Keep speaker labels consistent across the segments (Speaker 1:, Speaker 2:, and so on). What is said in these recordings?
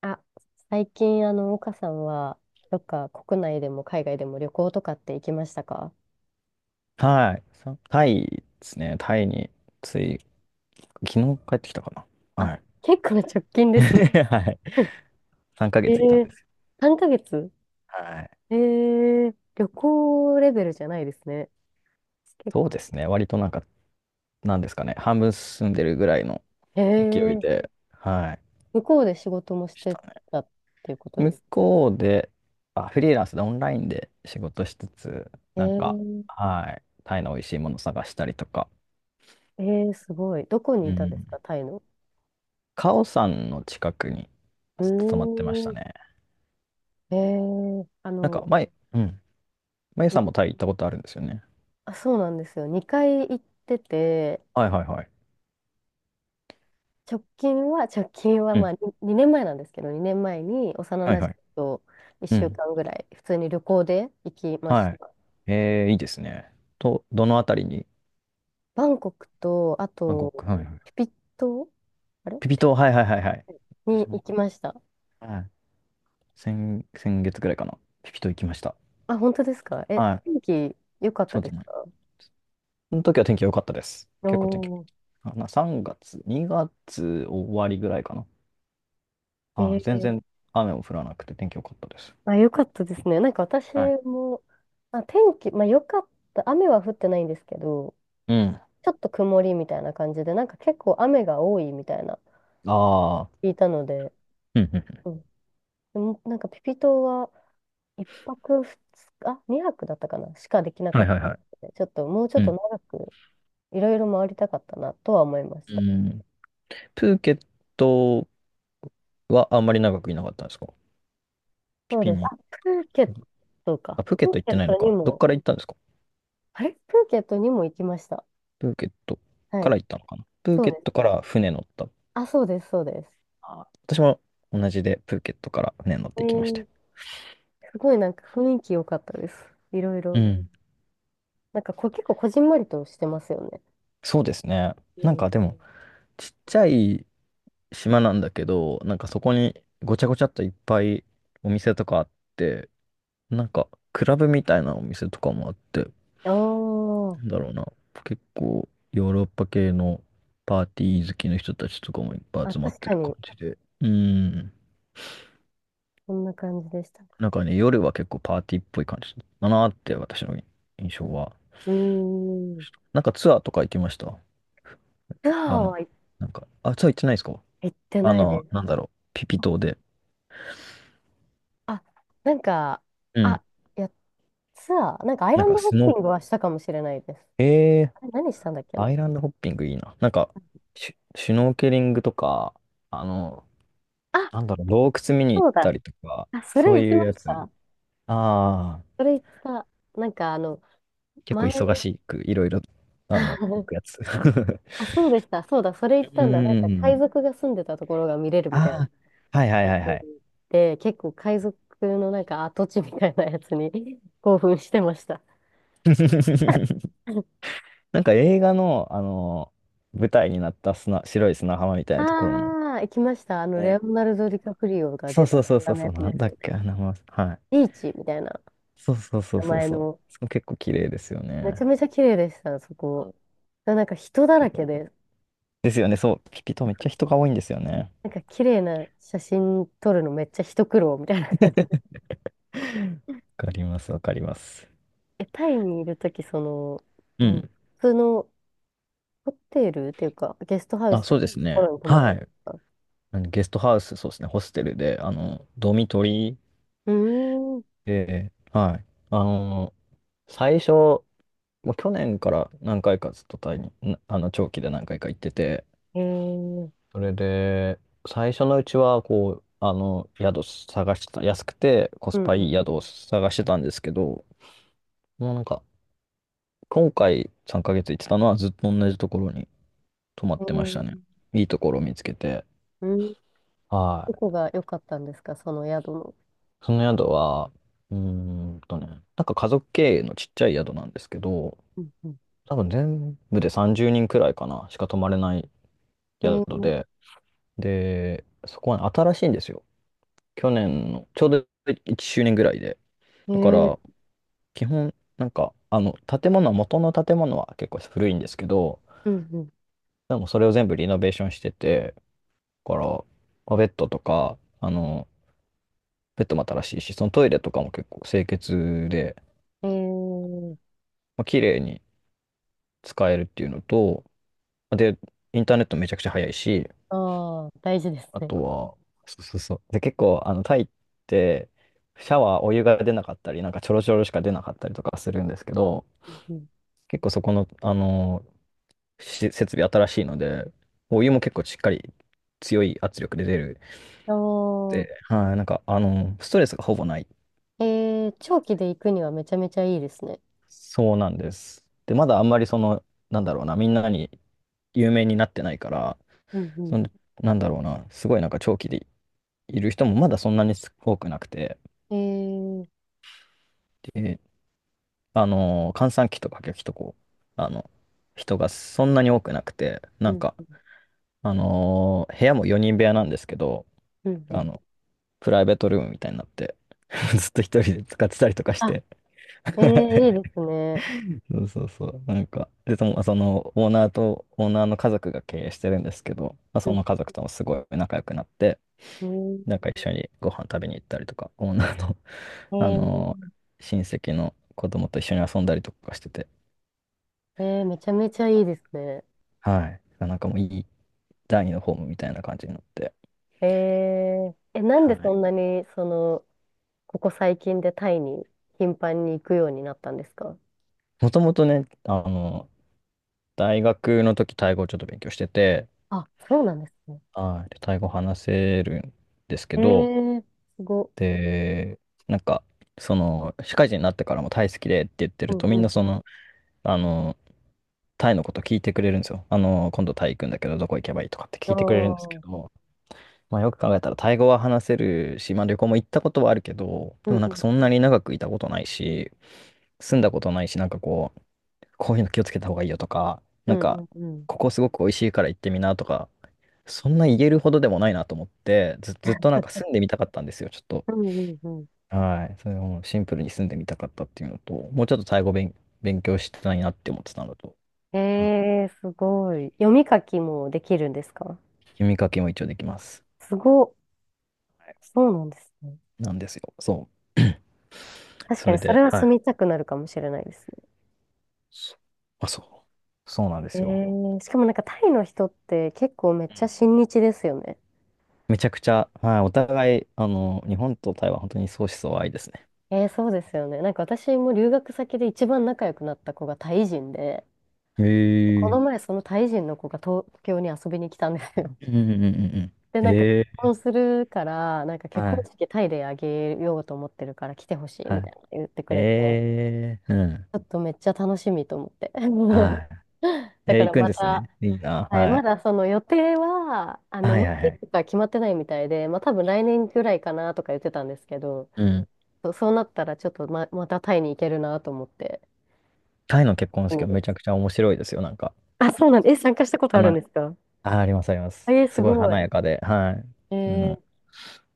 Speaker 1: あ、最近、岡さんは、どっか国内でも海外でも旅行とかって行きましたか？
Speaker 2: はい。タイですね。タイについ、昨日帰ってきたかな。
Speaker 1: あ、
Speaker 2: はい。
Speaker 1: 結構直近 ですね。
Speaker 2: はい。3 ヶ
Speaker 1: え
Speaker 2: 月いたんで
Speaker 1: ー、
Speaker 2: すよ。
Speaker 1: 3ヶ月。
Speaker 2: はい。
Speaker 1: 旅行レベルじゃないですね。結
Speaker 2: そう
Speaker 1: 構。
Speaker 2: ですね。割となんか、なんですかね。半分住んでるぐらいの
Speaker 1: え
Speaker 2: 勢い
Speaker 1: ー、
Speaker 2: で、はい。
Speaker 1: 向こうで仕事もし
Speaker 2: し
Speaker 1: て
Speaker 2: たね。
Speaker 1: たっていうことで
Speaker 2: 向
Speaker 1: す。
Speaker 2: こうで、あ、フリーランスでオンラインで仕事しつつ、
Speaker 1: え
Speaker 2: なんか、
Speaker 1: ー、
Speaker 2: はい。タイの美味しいもの探したりとか。
Speaker 1: えすごい。どこに
Speaker 2: う
Speaker 1: いたんで
Speaker 2: ん。
Speaker 1: すか、タイの。
Speaker 2: カオさんの近くに
Speaker 1: う
Speaker 2: ずっと泊まってまし
Speaker 1: ー
Speaker 2: た
Speaker 1: ん。
Speaker 2: ね。
Speaker 1: えー、あ
Speaker 2: なんか、
Speaker 1: の、
Speaker 2: 前、うん。まゆさんもタイ行ったことあるんですよね。
Speaker 1: あ、そうなんですよ。2回行ってて、
Speaker 2: はいはいはい。
Speaker 1: 直近は
Speaker 2: う
Speaker 1: ま
Speaker 2: ん、
Speaker 1: あに2年前なんですけど、2年前に幼
Speaker 2: はい
Speaker 1: な
Speaker 2: は
Speaker 1: じ
Speaker 2: い。
Speaker 1: みと
Speaker 2: う
Speaker 1: 1週
Speaker 2: ん。
Speaker 1: 間ぐらい、普通に旅行で行きまし
Speaker 2: はい。
Speaker 1: た。
Speaker 2: いいですね。と、どのあたりに？
Speaker 1: バンコクと、あ
Speaker 2: バンコク。
Speaker 1: と、
Speaker 2: はいはい。
Speaker 1: ピピ島あれ
Speaker 2: ピピ島、はいはいはいはい。
Speaker 1: に
Speaker 2: 私
Speaker 1: 行
Speaker 2: も、
Speaker 1: きました。
Speaker 2: はい。先月ぐらいかな。ピピ島行きました。
Speaker 1: あ、本当ですか？
Speaker 2: はい。
Speaker 1: 天気良かっ
Speaker 2: ちょ
Speaker 1: た
Speaker 2: っ
Speaker 1: で
Speaker 2: と
Speaker 1: す
Speaker 2: ね、
Speaker 1: か？
Speaker 2: その時は天気良かったです。結構天気
Speaker 1: お
Speaker 2: あかな、3月、2月終わりぐらいかな。
Speaker 1: ー、
Speaker 2: はい。全
Speaker 1: えー、
Speaker 2: 然雨も降らなくて天気良かったです。
Speaker 1: あ、良かったですね。なんか私
Speaker 2: はい。
Speaker 1: も、あ、天気、まあ良かった、雨は降ってないんですけど、
Speaker 2: うん。
Speaker 1: ちょっと曇りみたいな感じで、なんか結構雨が多いみたいな、
Speaker 2: ああ。
Speaker 1: 聞いたので、
Speaker 2: うんうんうん、
Speaker 1: うん。でもなんかピピ島は1泊2日、2泊だったかなしかできな
Speaker 2: は
Speaker 1: か
Speaker 2: い
Speaker 1: っ
Speaker 2: はい
Speaker 1: たの
Speaker 2: は
Speaker 1: で、ちょっともうちょ
Speaker 2: い。
Speaker 1: っ
Speaker 2: う
Speaker 1: と
Speaker 2: ん。
Speaker 1: 長くいろいろ回りたかったなとは思いまし
Speaker 2: う
Speaker 1: た。
Speaker 2: ん。プーケットはあんまり長くいなかったんですか、ピ
Speaker 1: そう
Speaker 2: ピ
Speaker 1: です。
Speaker 2: に？
Speaker 1: あ、プーケットか。
Speaker 2: あ、プーケット行ってないのか。どっから行ったんですか？
Speaker 1: プーケットにも行きました。
Speaker 2: プーケット
Speaker 1: は
Speaker 2: から
Speaker 1: い。
Speaker 2: 行ったのかな、プー
Speaker 1: そう
Speaker 2: ケ
Speaker 1: で
Speaker 2: ッ
Speaker 1: す
Speaker 2: トか
Speaker 1: ね。
Speaker 2: ら船乗った？
Speaker 1: あ、そうです、そうです。
Speaker 2: あ、私も同じでプーケットから船乗っ
Speaker 1: え
Speaker 2: て行きまして。
Speaker 1: ー、すごいなんか雰囲気良かったです。いろい
Speaker 2: う
Speaker 1: ろ。
Speaker 2: ん。
Speaker 1: なんか結構こじんまりとしてますよね。
Speaker 2: そうですね。
Speaker 1: う
Speaker 2: なん
Speaker 1: ん。
Speaker 2: かでも、ちっちゃい島なんだけど、なんかそこにごちゃごちゃっといっぱいお店とかあって、なんかクラブみたいなお店とかもあって、
Speaker 1: あー
Speaker 2: なんだろうな。結構ヨーロッパ系のパーティー好きの人たちとかもいっぱい
Speaker 1: あ、
Speaker 2: 集まっ
Speaker 1: 確
Speaker 2: て
Speaker 1: か
Speaker 2: る感
Speaker 1: に、
Speaker 2: じで。うん。
Speaker 1: そんな感じでした。
Speaker 2: なんかね、夜は結構パーティーっぽい感じだなーって私の印象は。
Speaker 1: うーん。
Speaker 2: なんかツアーとか行きました？
Speaker 1: ツア
Speaker 2: あ
Speaker 1: ー
Speaker 2: の、
Speaker 1: は行っ
Speaker 2: なんか、あ、ツアー行ってないですか？
Speaker 1: 行って
Speaker 2: あ
Speaker 1: ないで
Speaker 2: の、
Speaker 1: す。
Speaker 2: なんだろう、ピピ島で。
Speaker 1: あ、なんか、
Speaker 2: うん。
Speaker 1: あ、いや、ツアー、なんかアイ
Speaker 2: なん
Speaker 1: ラン
Speaker 2: か
Speaker 1: ドホッ
Speaker 2: ス
Speaker 1: ピ
Speaker 2: ノ
Speaker 1: ングはしたかもしれないです。
Speaker 2: ー、え
Speaker 1: あれ何したんだっけ
Speaker 2: ー、
Speaker 1: な。
Speaker 2: アイランドホッピングいいな。なんか、シュノーケリングとか、あの、
Speaker 1: あ、
Speaker 2: なんだろう、洞窟見に行
Speaker 1: そ
Speaker 2: っ
Speaker 1: う
Speaker 2: た
Speaker 1: だ。
Speaker 2: りとか、
Speaker 1: あ、そ
Speaker 2: そ
Speaker 1: れ
Speaker 2: う
Speaker 1: 行き
Speaker 2: いう
Speaker 1: ま
Speaker 2: や
Speaker 1: し
Speaker 2: つ。
Speaker 1: た。
Speaker 2: ああ、
Speaker 1: それ行った、なんか
Speaker 2: 結構
Speaker 1: 前、
Speaker 2: 忙しく、いろいろ、あの、行くや つ。
Speaker 1: あ、そうでした、そうだ、それ行っ
Speaker 2: う
Speaker 1: たんだ。なんか海
Speaker 2: ん。
Speaker 1: 賊が住んでたところが見れるみたい
Speaker 2: ああ、はいはい
Speaker 1: なや
Speaker 2: はいは
Speaker 1: つ
Speaker 2: い。
Speaker 1: で、結構海賊のなんか跡地みたいなやつに 興奮してました。
Speaker 2: なんか映画の、あの、舞台になった白い砂浜みたいなところも、
Speaker 1: ああ、行きました。レ
Speaker 2: ね。
Speaker 1: オナル
Speaker 2: い
Speaker 1: ド・
Speaker 2: け
Speaker 1: ディカ
Speaker 2: た？
Speaker 1: プリオが
Speaker 2: そ
Speaker 1: 出
Speaker 2: うそ
Speaker 1: た、
Speaker 2: うそうそ
Speaker 1: あ
Speaker 2: う
Speaker 1: の
Speaker 2: そ
Speaker 1: や
Speaker 2: う、
Speaker 1: つ
Speaker 2: な
Speaker 1: で
Speaker 2: ん
Speaker 1: す
Speaker 2: だ
Speaker 1: よ
Speaker 2: っけ、
Speaker 1: ね。
Speaker 2: あの名前。はい。
Speaker 1: ビーチみたいな
Speaker 2: そうそうそう
Speaker 1: 名
Speaker 2: そう
Speaker 1: 前
Speaker 2: そう。
Speaker 1: の、
Speaker 2: そこ結構綺麗ですよ
Speaker 1: めち
Speaker 2: ね。
Speaker 1: ゃめちゃ綺麗でした、そ
Speaker 2: う
Speaker 1: こ。
Speaker 2: ん。
Speaker 1: なんか人だ
Speaker 2: け
Speaker 1: ら
Speaker 2: ど
Speaker 1: けで、
Speaker 2: ですよね、そう。ピピ島めっちゃ人が多いんですよね。
Speaker 1: なんか綺麗な写真撮るのめっちゃ一苦労みたいな感じで。
Speaker 2: わかります、わかります。
Speaker 1: タイにいるとき、
Speaker 2: うん。
Speaker 1: 普通のホテルっていうか、ゲストハウ
Speaker 2: あ、
Speaker 1: スと
Speaker 2: そう
Speaker 1: か
Speaker 2: です
Speaker 1: のとこ
Speaker 2: ね。
Speaker 1: ろに泊まって
Speaker 2: は
Speaker 1: るんで
Speaker 2: い。
Speaker 1: すか？
Speaker 2: あのゲストハウス、そうですね、ホステルで、あの、ドミトリー
Speaker 1: うーん。
Speaker 2: で、はい。あの、最初、もう去年から何回かずっとタイに、あの、長期で何回か行ってて、
Speaker 1: えー、
Speaker 2: それで、最初のうちは、こう、あの、宿探してた、安くてコ
Speaker 1: う
Speaker 2: ス
Speaker 1: ん
Speaker 2: パ
Speaker 1: う
Speaker 2: いい
Speaker 1: ん。
Speaker 2: 宿を探してたんですけど、もうなんか、今回3ヶ月行ってたのはずっと同じところに泊ま
Speaker 1: え
Speaker 2: ってましたね。
Speaker 1: ー、
Speaker 2: いいところを見つけて。
Speaker 1: うん。
Speaker 2: は
Speaker 1: どこ
Speaker 2: い。
Speaker 1: が良かったんですか、その宿の。
Speaker 2: その宿は、うーんとね、なんか家族経営のちっちゃい宿なんですけど、
Speaker 1: うんうん。
Speaker 2: 多分全部で30人くらいかな、しか泊まれない
Speaker 1: え
Speaker 2: 宿
Speaker 1: ー、
Speaker 2: で、で、そこは新しいんですよ。去年の、ちょうど1周年ぐらいで。
Speaker 1: え
Speaker 2: だか
Speaker 1: ー、
Speaker 2: ら、基本、なんか、あの、建物は、元の建物は結構古いんですけど、
Speaker 1: うん
Speaker 2: でもそれを全部リノベーションしてて、だから、まあベッドとか、あの、ベッドも新しいし、そのトイレとかも結構清潔で、
Speaker 1: うん。
Speaker 2: まあ、綺麗に使えるっていうのと、で、インターネットめちゃくちゃ早いし、
Speaker 1: ああ、大事です
Speaker 2: あ
Speaker 1: ね。
Speaker 2: とは、そうそうそう。で、結構、あの、タイって、シャワー、お湯が出なかったり、なんかちょろちょろしか出なかったりとかするんですけど、
Speaker 1: うん。
Speaker 2: 結構そこの、あの、設備新しいので、お湯も結構しっかり強い圧力で出る。
Speaker 1: あ
Speaker 2: で、
Speaker 1: あ、
Speaker 2: はい、なんか、あの、ストレスがほぼない。
Speaker 1: 長期で行くにはめちゃめちゃいいですね。
Speaker 2: そうなんです。で、まだあんまりその、なんだろうな、みんなに有名になってないから、
Speaker 1: うん
Speaker 2: そ
Speaker 1: う
Speaker 2: の、なんだろうな、すごいなんか長期でいる人もまだそんなに多くなくて、
Speaker 1: ん。ー、
Speaker 2: で、閑散期とかこう、あの、人がそんなに多くなくて、
Speaker 1: う
Speaker 2: なん
Speaker 1: ん、
Speaker 2: か、部屋も4人部屋なんですけど、
Speaker 1: うん、う
Speaker 2: あ
Speaker 1: ん。
Speaker 2: の、プライベートルームみたいになって、ずっと一人で使ってたりとかし
Speaker 1: あ、
Speaker 2: て。
Speaker 1: いいですね。
Speaker 2: そうそうそう。なんか、で、そのオーナーと、オーナーの家族が経営してるんですけど、まあ、
Speaker 1: う
Speaker 2: そ
Speaker 1: ん
Speaker 2: の家族ともすごい仲良くなって、
Speaker 1: うん
Speaker 2: なんか一緒にご飯食べに行ったりとか、オーナーの、あの
Speaker 1: え
Speaker 2: ー親戚の子供と一緒に遊んだりとかしてて、
Speaker 1: めちゃめちゃいいですね。
Speaker 2: はい。なんかもういい、第二のホームみたいな感じになって。
Speaker 1: えなん
Speaker 2: は
Speaker 1: でそ
Speaker 2: い。
Speaker 1: んなに、ここ最近でタイに頻繁に行くようになったんですか？
Speaker 2: もともとね、あの、大学の時、タイ語をちょっと勉強してて、
Speaker 1: あ、そうなんですね。
Speaker 2: はい。でタイ語話せるんですけ
Speaker 1: え
Speaker 2: ど、
Speaker 1: すご。
Speaker 2: で、なんか、その、社会人になってからもタイ好きでって言って
Speaker 1: う
Speaker 2: る
Speaker 1: ん
Speaker 2: と、み
Speaker 1: う
Speaker 2: んな
Speaker 1: ん。
Speaker 2: その、あの、タイのこと聞いてくれるんですよ。あの、今度タイ行くんだけど、どこ行けばいいとかって
Speaker 1: あ
Speaker 2: 聞いてくれるんですけ
Speaker 1: あ。
Speaker 2: ども、まあ、よく考えたら、タイ語は話せるし、まあ、旅行も行ったことはあるけど、
Speaker 1: う
Speaker 2: でも
Speaker 1: ん
Speaker 2: なん
Speaker 1: う
Speaker 2: か
Speaker 1: ん。
Speaker 2: そんなに長くいたことないし、住んだことないし、なんかこう、こういうの気をつけた方がいいよとか、
Speaker 1: う
Speaker 2: なん
Speaker 1: んう
Speaker 2: か、
Speaker 1: んうん。
Speaker 2: ここすごく美味しいから行ってみなとか、そんな言えるほどでもないなと思って、ずっとなんか住んでみたかったんですよ、ちょっと。
Speaker 1: うんうんうん
Speaker 2: はい。それをもうシンプルに住んでみたかったっていうのと、もうちょっとタイ語勉強したいなって思ってたのと、はい、
Speaker 1: すごい。読み書きもできるんですか？
Speaker 2: 読み書きも一応できます。
Speaker 1: すごっ。
Speaker 2: はい。
Speaker 1: そうなんですね。
Speaker 2: なんですよ。そう。
Speaker 1: 確
Speaker 2: そ
Speaker 1: か
Speaker 2: れ
Speaker 1: にそ
Speaker 2: で、
Speaker 1: れは
Speaker 2: は
Speaker 1: 住
Speaker 2: い。
Speaker 1: みたくなるかもしれないですね。
Speaker 2: そ、あ、そう。そうなんで
Speaker 1: え
Speaker 2: すよ。
Speaker 1: しかもなんかタイの人って結構めっちゃ親日ですよね。
Speaker 2: めちゃくちゃ、はい。お互い、あの、日本と台湾、本当に相思相愛ですね。
Speaker 1: そうですよね。なんか私も留学先で一番仲良くなった子がタイ人で、
Speaker 2: へ
Speaker 1: こ
Speaker 2: え。
Speaker 1: の前そのタイ人の子が東京に遊びに来たんですよ。
Speaker 2: うんうんうんうんうん。
Speaker 1: で、なんか
Speaker 2: え
Speaker 1: 結
Speaker 2: え、
Speaker 1: 婚するから、なんか結
Speaker 2: は
Speaker 1: 婚
Speaker 2: い。
Speaker 1: 式タイであげようと思ってるから来てほしい
Speaker 2: は
Speaker 1: みた
Speaker 2: い。
Speaker 1: いな言ってくれて。
Speaker 2: ええ、うん。
Speaker 1: ちょっとめっちゃ楽しみと思って。
Speaker 2: は い。
Speaker 1: だ
Speaker 2: えー、
Speaker 1: か
Speaker 2: 行
Speaker 1: ら
Speaker 2: くん
Speaker 1: ま
Speaker 2: です
Speaker 1: た、
Speaker 2: ね。いいな。
Speaker 1: はい、
Speaker 2: は
Speaker 1: ま
Speaker 2: い。
Speaker 1: だその予定は、
Speaker 2: は
Speaker 1: ま
Speaker 2: い
Speaker 1: だ
Speaker 2: はいは
Speaker 1: い
Speaker 2: い。
Speaker 1: つか決まってないみたいで、まあ多分来年ぐらいかなとか言ってたんですけど、
Speaker 2: うん。
Speaker 1: そうそうなったらちょっとまたタイに行けるなと思って、
Speaker 2: タイの結婚
Speaker 1: 意
Speaker 2: 式
Speaker 1: 味
Speaker 2: は
Speaker 1: で
Speaker 2: めちゃ
Speaker 1: す。
Speaker 2: くちゃ面白いですよ。なんか。
Speaker 1: あ、そうなんです。え、参加したことあるん
Speaker 2: 花、
Speaker 1: ですか？
Speaker 2: あ、ありますありま
Speaker 1: あ、
Speaker 2: す。
Speaker 1: す
Speaker 2: すごい
Speaker 1: ご
Speaker 2: 華
Speaker 1: い。
Speaker 2: やかで。は
Speaker 1: え
Speaker 2: い。うん。
Speaker 1: ー、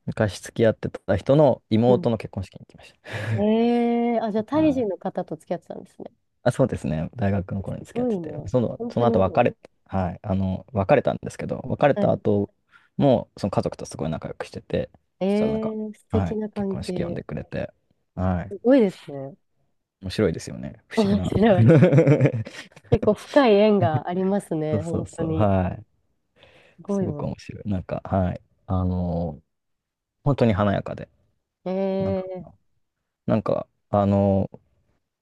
Speaker 2: 昔付き合ってた人の
Speaker 1: うん。
Speaker 2: 妹の結婚式に行きました。
Speaker 1: あ、じゃあタイ人の 方と付き合ってたんですね。
Speaker 2: あ、そうですね。大学の頃に
Speaker 1: す
Speaker 2: 付き合っ
Speaker 1: ご
Speaker 2: て
Speaker 1: い
Speaker 2: て、
Speaker 1: な。
Speaker 2: その、
Speaker 1: 本
Speaker 2: そ
Speaker 1: 当
Speaker 2: の
Speaker 1: に
Speaker 2: 後
Speaker 1: もう、
Speaker 2: はい、あの、別れたんですけど、別れ
Speaker 1: は
Speaker 2: た
Speaker 1: い。
Speaker 2: 後も、その家族とすごい仲良くしてて、そしたらなんか、
Speaker 1: 素
Speaker 2: は
Speaker 1: 敵
Speaker 2: い、
Speaker 1: な
Speaker 2: 結
Speaker 1: 関
Speaker 2: 婚式呼ん
Speaker 1: 係。
Speaker 2: でくれて、はい、
Speaker 1: すごいですね。
Speaker 2: 面白いですよね。不思議
Speaker 1: 面
Speaker 2: な。
Speaker 1: 白 い。結構深い縁があります
Speaker 2: そ
Speaker 1: ね、
Speaker 2: うそう
Speaker 1: 本当
Speaker 2: そう、
Speaker 1: に。
Speaker 2: はい。
Speaker 1: すご
Speaker 2: す
Speaker 1: い
Speaker 2: ごく
Speaker 1: わ。
Speaker 2: 面白い。なんか、はい、あの、本当に華やかで、なんだろう
Speaker 1: え
Speaker 2: な。
Speaker 1: え、
Speaker 2: なんか、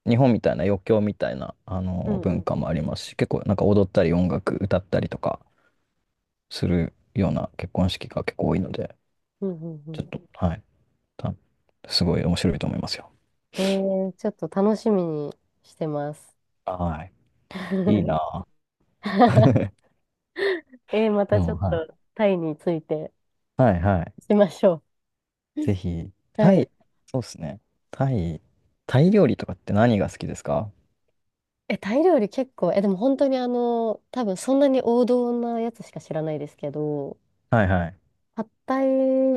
Speaker 2: 日本みたいな余興みたいな、
Speaker 1: うんう
Speaker 2: 文化も
Speaker 1: ん。
Speaker 2: ありますし、結構なんか踊ったり音楽歌ったりとか、するような結婚式が結構多いので、
Speaker 1: うんうんう
Speaker 2: ちょっ
Speaker 1: ん
Speaker 2: と、はい、たすごい面白いと思いますよ。
Speaker 1: うん。ええ、ちょっと楽しみにしてます。
Speaker 2: はい。いい なぁ。
Speaker 1: ま
Speaker 2: で
Speaker 1: たちょ
Speaker 2: も、
Speaker 1: っ
Speaker 2: は
Speaker 1: と
Speaker 2: い。
Speaker 1: タイについて
Speaker 2: はいはい。
Speaker 1: しましょう。
Speaker 2: ぜ ひ、
Speaker 1: は
Speaker 2: タイ、
Speaker 1: い。
Speaker 2: そうですね。タイ、タイ料理とかって何が好きですか？
Speaker 1: え、タイ料理結構、でも本当に多分そんなに王道なやつしか知らないですけど、
Speaker 2: はいはい。
Speaker 1: パッタ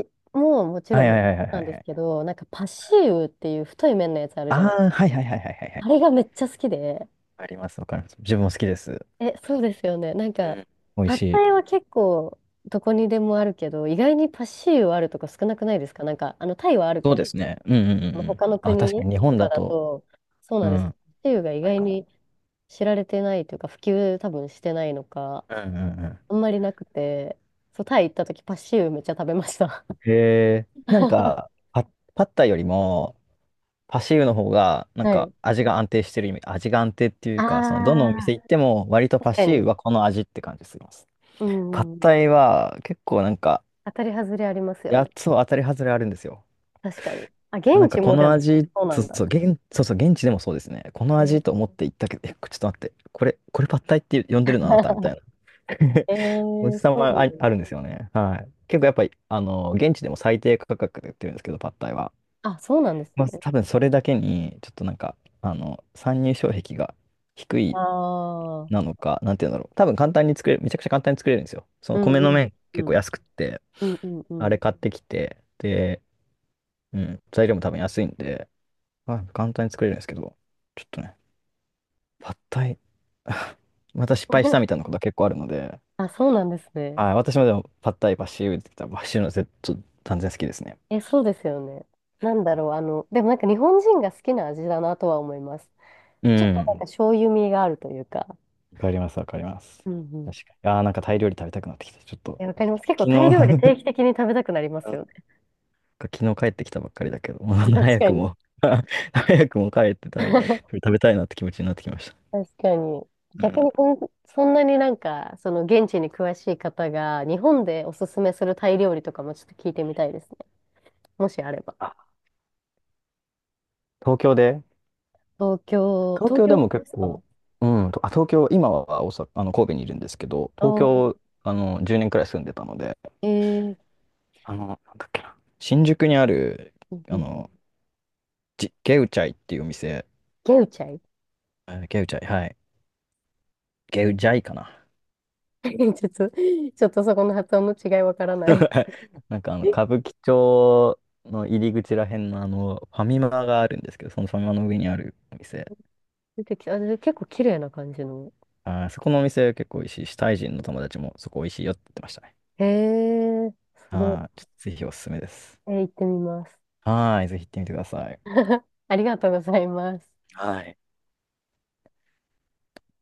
Speaker 1: イももち
Speaker 2: は
Speaker 1: ろ
Speaker 2: い
Speaker 1: ん
Speaker 2: はいはいはい
Speaker 1: な
Speaker 2: は
Speaker 1: ん
Speaker 2: い
Speaker 1: で
Speaker 2: は
Speaker 1: す
Speaker 2: い。
Speaker 1: けど、なんかパシーウっていう太い麺のやつある
Speaker 2: あ
Speaker 1: じゃない。
Speaker 2: あ、はいはいはいはいはいは
Speaker 1: あれ
Speaker 2: い。
Speaker 1: がめっちゃ好きで、
Speaker 2: あります、わかります。自分も好きです。
Speaker 1: え、そうですよね。なん
Speaker 2: う
Speaker 1: か、
Speaker 2: ん、美味
Speaker 1: パッ
Speaker 2: しい。
Speaker 1: タイは結構どこにでもあるけど、意外にパッシーユあるとこ少なくないですか？なんか、タイはある
Speaker 2: そう
Speaker 1: け
Speaker 2: で
Speaker 1: ど、
Speaker 2: すね。うんうんうんうん。
Speaker 1: 他の
Speaker 2: あ、確か
Speaker 1: 国
Speaker 2: に日
Speaker 1: と
Speaker 2: 本
Speaker 1: か
Speaker 2: だ
Speaker 1: だ
Speaker 2: と、
Speaker 1: と、そう
Speaker 2: う
Speaker 1: なんです。パッ
Speaker 2: ん、
Speaker 1: シーユが意
Speaker 2: ない
Speaker 1: 外
Speaker 2: かも。
Speaker 1: に知られてないというか、普及多分してないのか、
Speaker 2: うんうんうん。
Speaker 1: あんまりなくて、そう、タイ行った時パッシーユめっちゃ食べました。
Speaker 2: へえ、パッタイよりも、パシーウの方が、なん
Speaker 1: は
Speaker 2: か
Speaker 1: い。
Speaker 2: 味が安定してる意味、味が安定っていうか、その、どのお店
Speaker 1: ああ、
Speaker 2: 行っても、割と
Speaker 1: 確
Speaker 2: パ
Speaker 1: か
Speaker 2: シーウ
Speaker 1: に。
Speaker 2: はこの味って感じするます。
Speaker 1: う
Speaker 2: パッ
Speaker 1: ん。うんう
Speaker 2: タ
Speaker 1: ん、
Speaker 2: イは、結構なんか、
Speaker 1: 当たり外れありますよね。
Speaker 2: やつは当たり外れあるんですよ。
Speaker 1: 確かに。あ、
Speaker 2: な
Speaker 1: 現
Speaker 2: んか、
Speaker 1: 地
Speaker 2: こ
Speaker 1: もで
Speaker 2: の
Speaker 1: も、
Speaker 2: 味、
Speaker 1: そうな
Speaker 2: そう
Speaker 1: んだ。
Speaker 2: そう、そうそう、現地でもそうですね。この
Speaker 1: えー
Speaker 2: 味と思って行ったけど、え、ちょっと待って、これパッタイって呼んでるのあなたみたい な。
Speaker 1: え
Speaker 2: おじ
Speaker 1: え、
Speaker 2: さま
Speaker 1: そ
Speaker 2: あ、
Speaker 1: う。
Speaker 2: あるんですよね。はい。結構やっぱり、現地でも最低価格で売ってるんですけど、パッタイは。
Speaker 1: あ、そうなんです
Speaker 2: まあ、
Speaker 1: ね。
Speaker 2: 多分それだけに、ちょっとなんか、参入障壁が低
Speaker 1: あ
Speaker 2: いな
Speaker 1: あ。
Speaker 2: のか、なんていうんだろう。多分簡単に作れる、めちゃくちゃ簡単に作れるんですよ。そ
Speaker 1: う
Speaker 2: の
Speaker 1: ん
Speaker 2: 米
Speaker 1: う
Speaker 2: の
Speaker 1: ん
Speaker 2: 麺
Speaker 1: う
Speaker 2: 結構
Speaker 1: ん。
Speaker 2: 安くって、
Speaker 1: うんうんう
Speaker 2: あれ
Speaker 1: ん。
Speaker 2: 買ってきて、で、うん、材料も多分安いんで、まあ、簡単に作れるんですけど、ちょっとね、パッタイ、また失敗したみたい なことが結構あるので、
Speaker 1: あ、そうなんですね。
Speaker 2: はい、私もでもパッタイ、バッシューって言ったら、バッシューの絶対断然好きですね。
Speaker 1: え、そうですよね。なんだろう、でもなんか日本人が好きな味だなとは思います。
Speaker 2: う
Speaker 1: ちょっとなん
Speaker 2: ん、
Speaker 1: か醤油味があるというか。
Speaker 2: わかります、わかります。
Speaker 1: うんうん。
Speaker 2: 確かに。ああ、なんかタイ料理食べたくなってきた。ちょっと、
Speaker 1: え、わかります。結構
Speaker 2: 昨日
Speaker 1: タイ料理
Speaker 2: な
Speaker 1: 定期的に食べたくなりますよ
Speaker 2: ん
Speaker 1: ね。
Speaker 2: か昨日帰ってきたばっかりだけど、もう
Speaker 1: 確
Speaker 2: 早
Speaker 1: か
Speaker 2: く
Speaker 1: に。
Speaker 2: も 早くも帰ってたい、食べたいなって気持ちになってきました。
Speaker 1: 確かに。
Speaker 2: う
Speaker 1: 逆
Speaker 2: ん。
Speaker 1: にそんなになんか、その現地に詳しい方が、日本でおすすめするタイ料理とかもちょっと聞いてみたいですね。もしあれば。
Speaker 2: あ、東京で
Speaker 1: 東京、
Speaker 2: 東
Speaker 1: 東
Speaker 2: 京で
Speaker 1: 京
Speaker 2: も結
Speaker 1: です
Speaker 2: 構、
Speaker 1: か？
Speaker 2: 東京、今は大阪、神戸にいるんですけど、東
Speaker 1: おー、
Speaker 2: 京、あの、10年くらい住んでたので、
Speaker 1: えー、
Speaker 2: あの、なんだっけな、新宿にある、
Speaker 1: うんう
Speaker 2: あ
Speaker 1: ん、
Speaker 2: の、ゲウチャイっていうお店、
Speaker 1: ゲウチャイ。
Speaker 2: えーゲウチャイ、はい。ゲウジャイかな。
Speaker 1: ちょっと、ちょっとそこの発音の違いわからない。
Speaker 2: なんかあの、歌舞伎町の入り口らへんのあの、ファミマがあるんですけど、そのファミマの上にあるお店。
Speaker 1: 出てきあで結構綺麗な感じの。
Speaker 2: あー、そこのお店結構美味しいし、タイ人の友達もそこ美味しいよって言ってましたね。
Speaker 1: へえ、すご
Speaker 2: はい、ちょっとぜひおすすめです。
Speaker 1: い。行ってみます。
Speaker 2: はい、ぜひ行ってみてください。
Speaker 1: ありがとうございます。
Speaker 2: はい。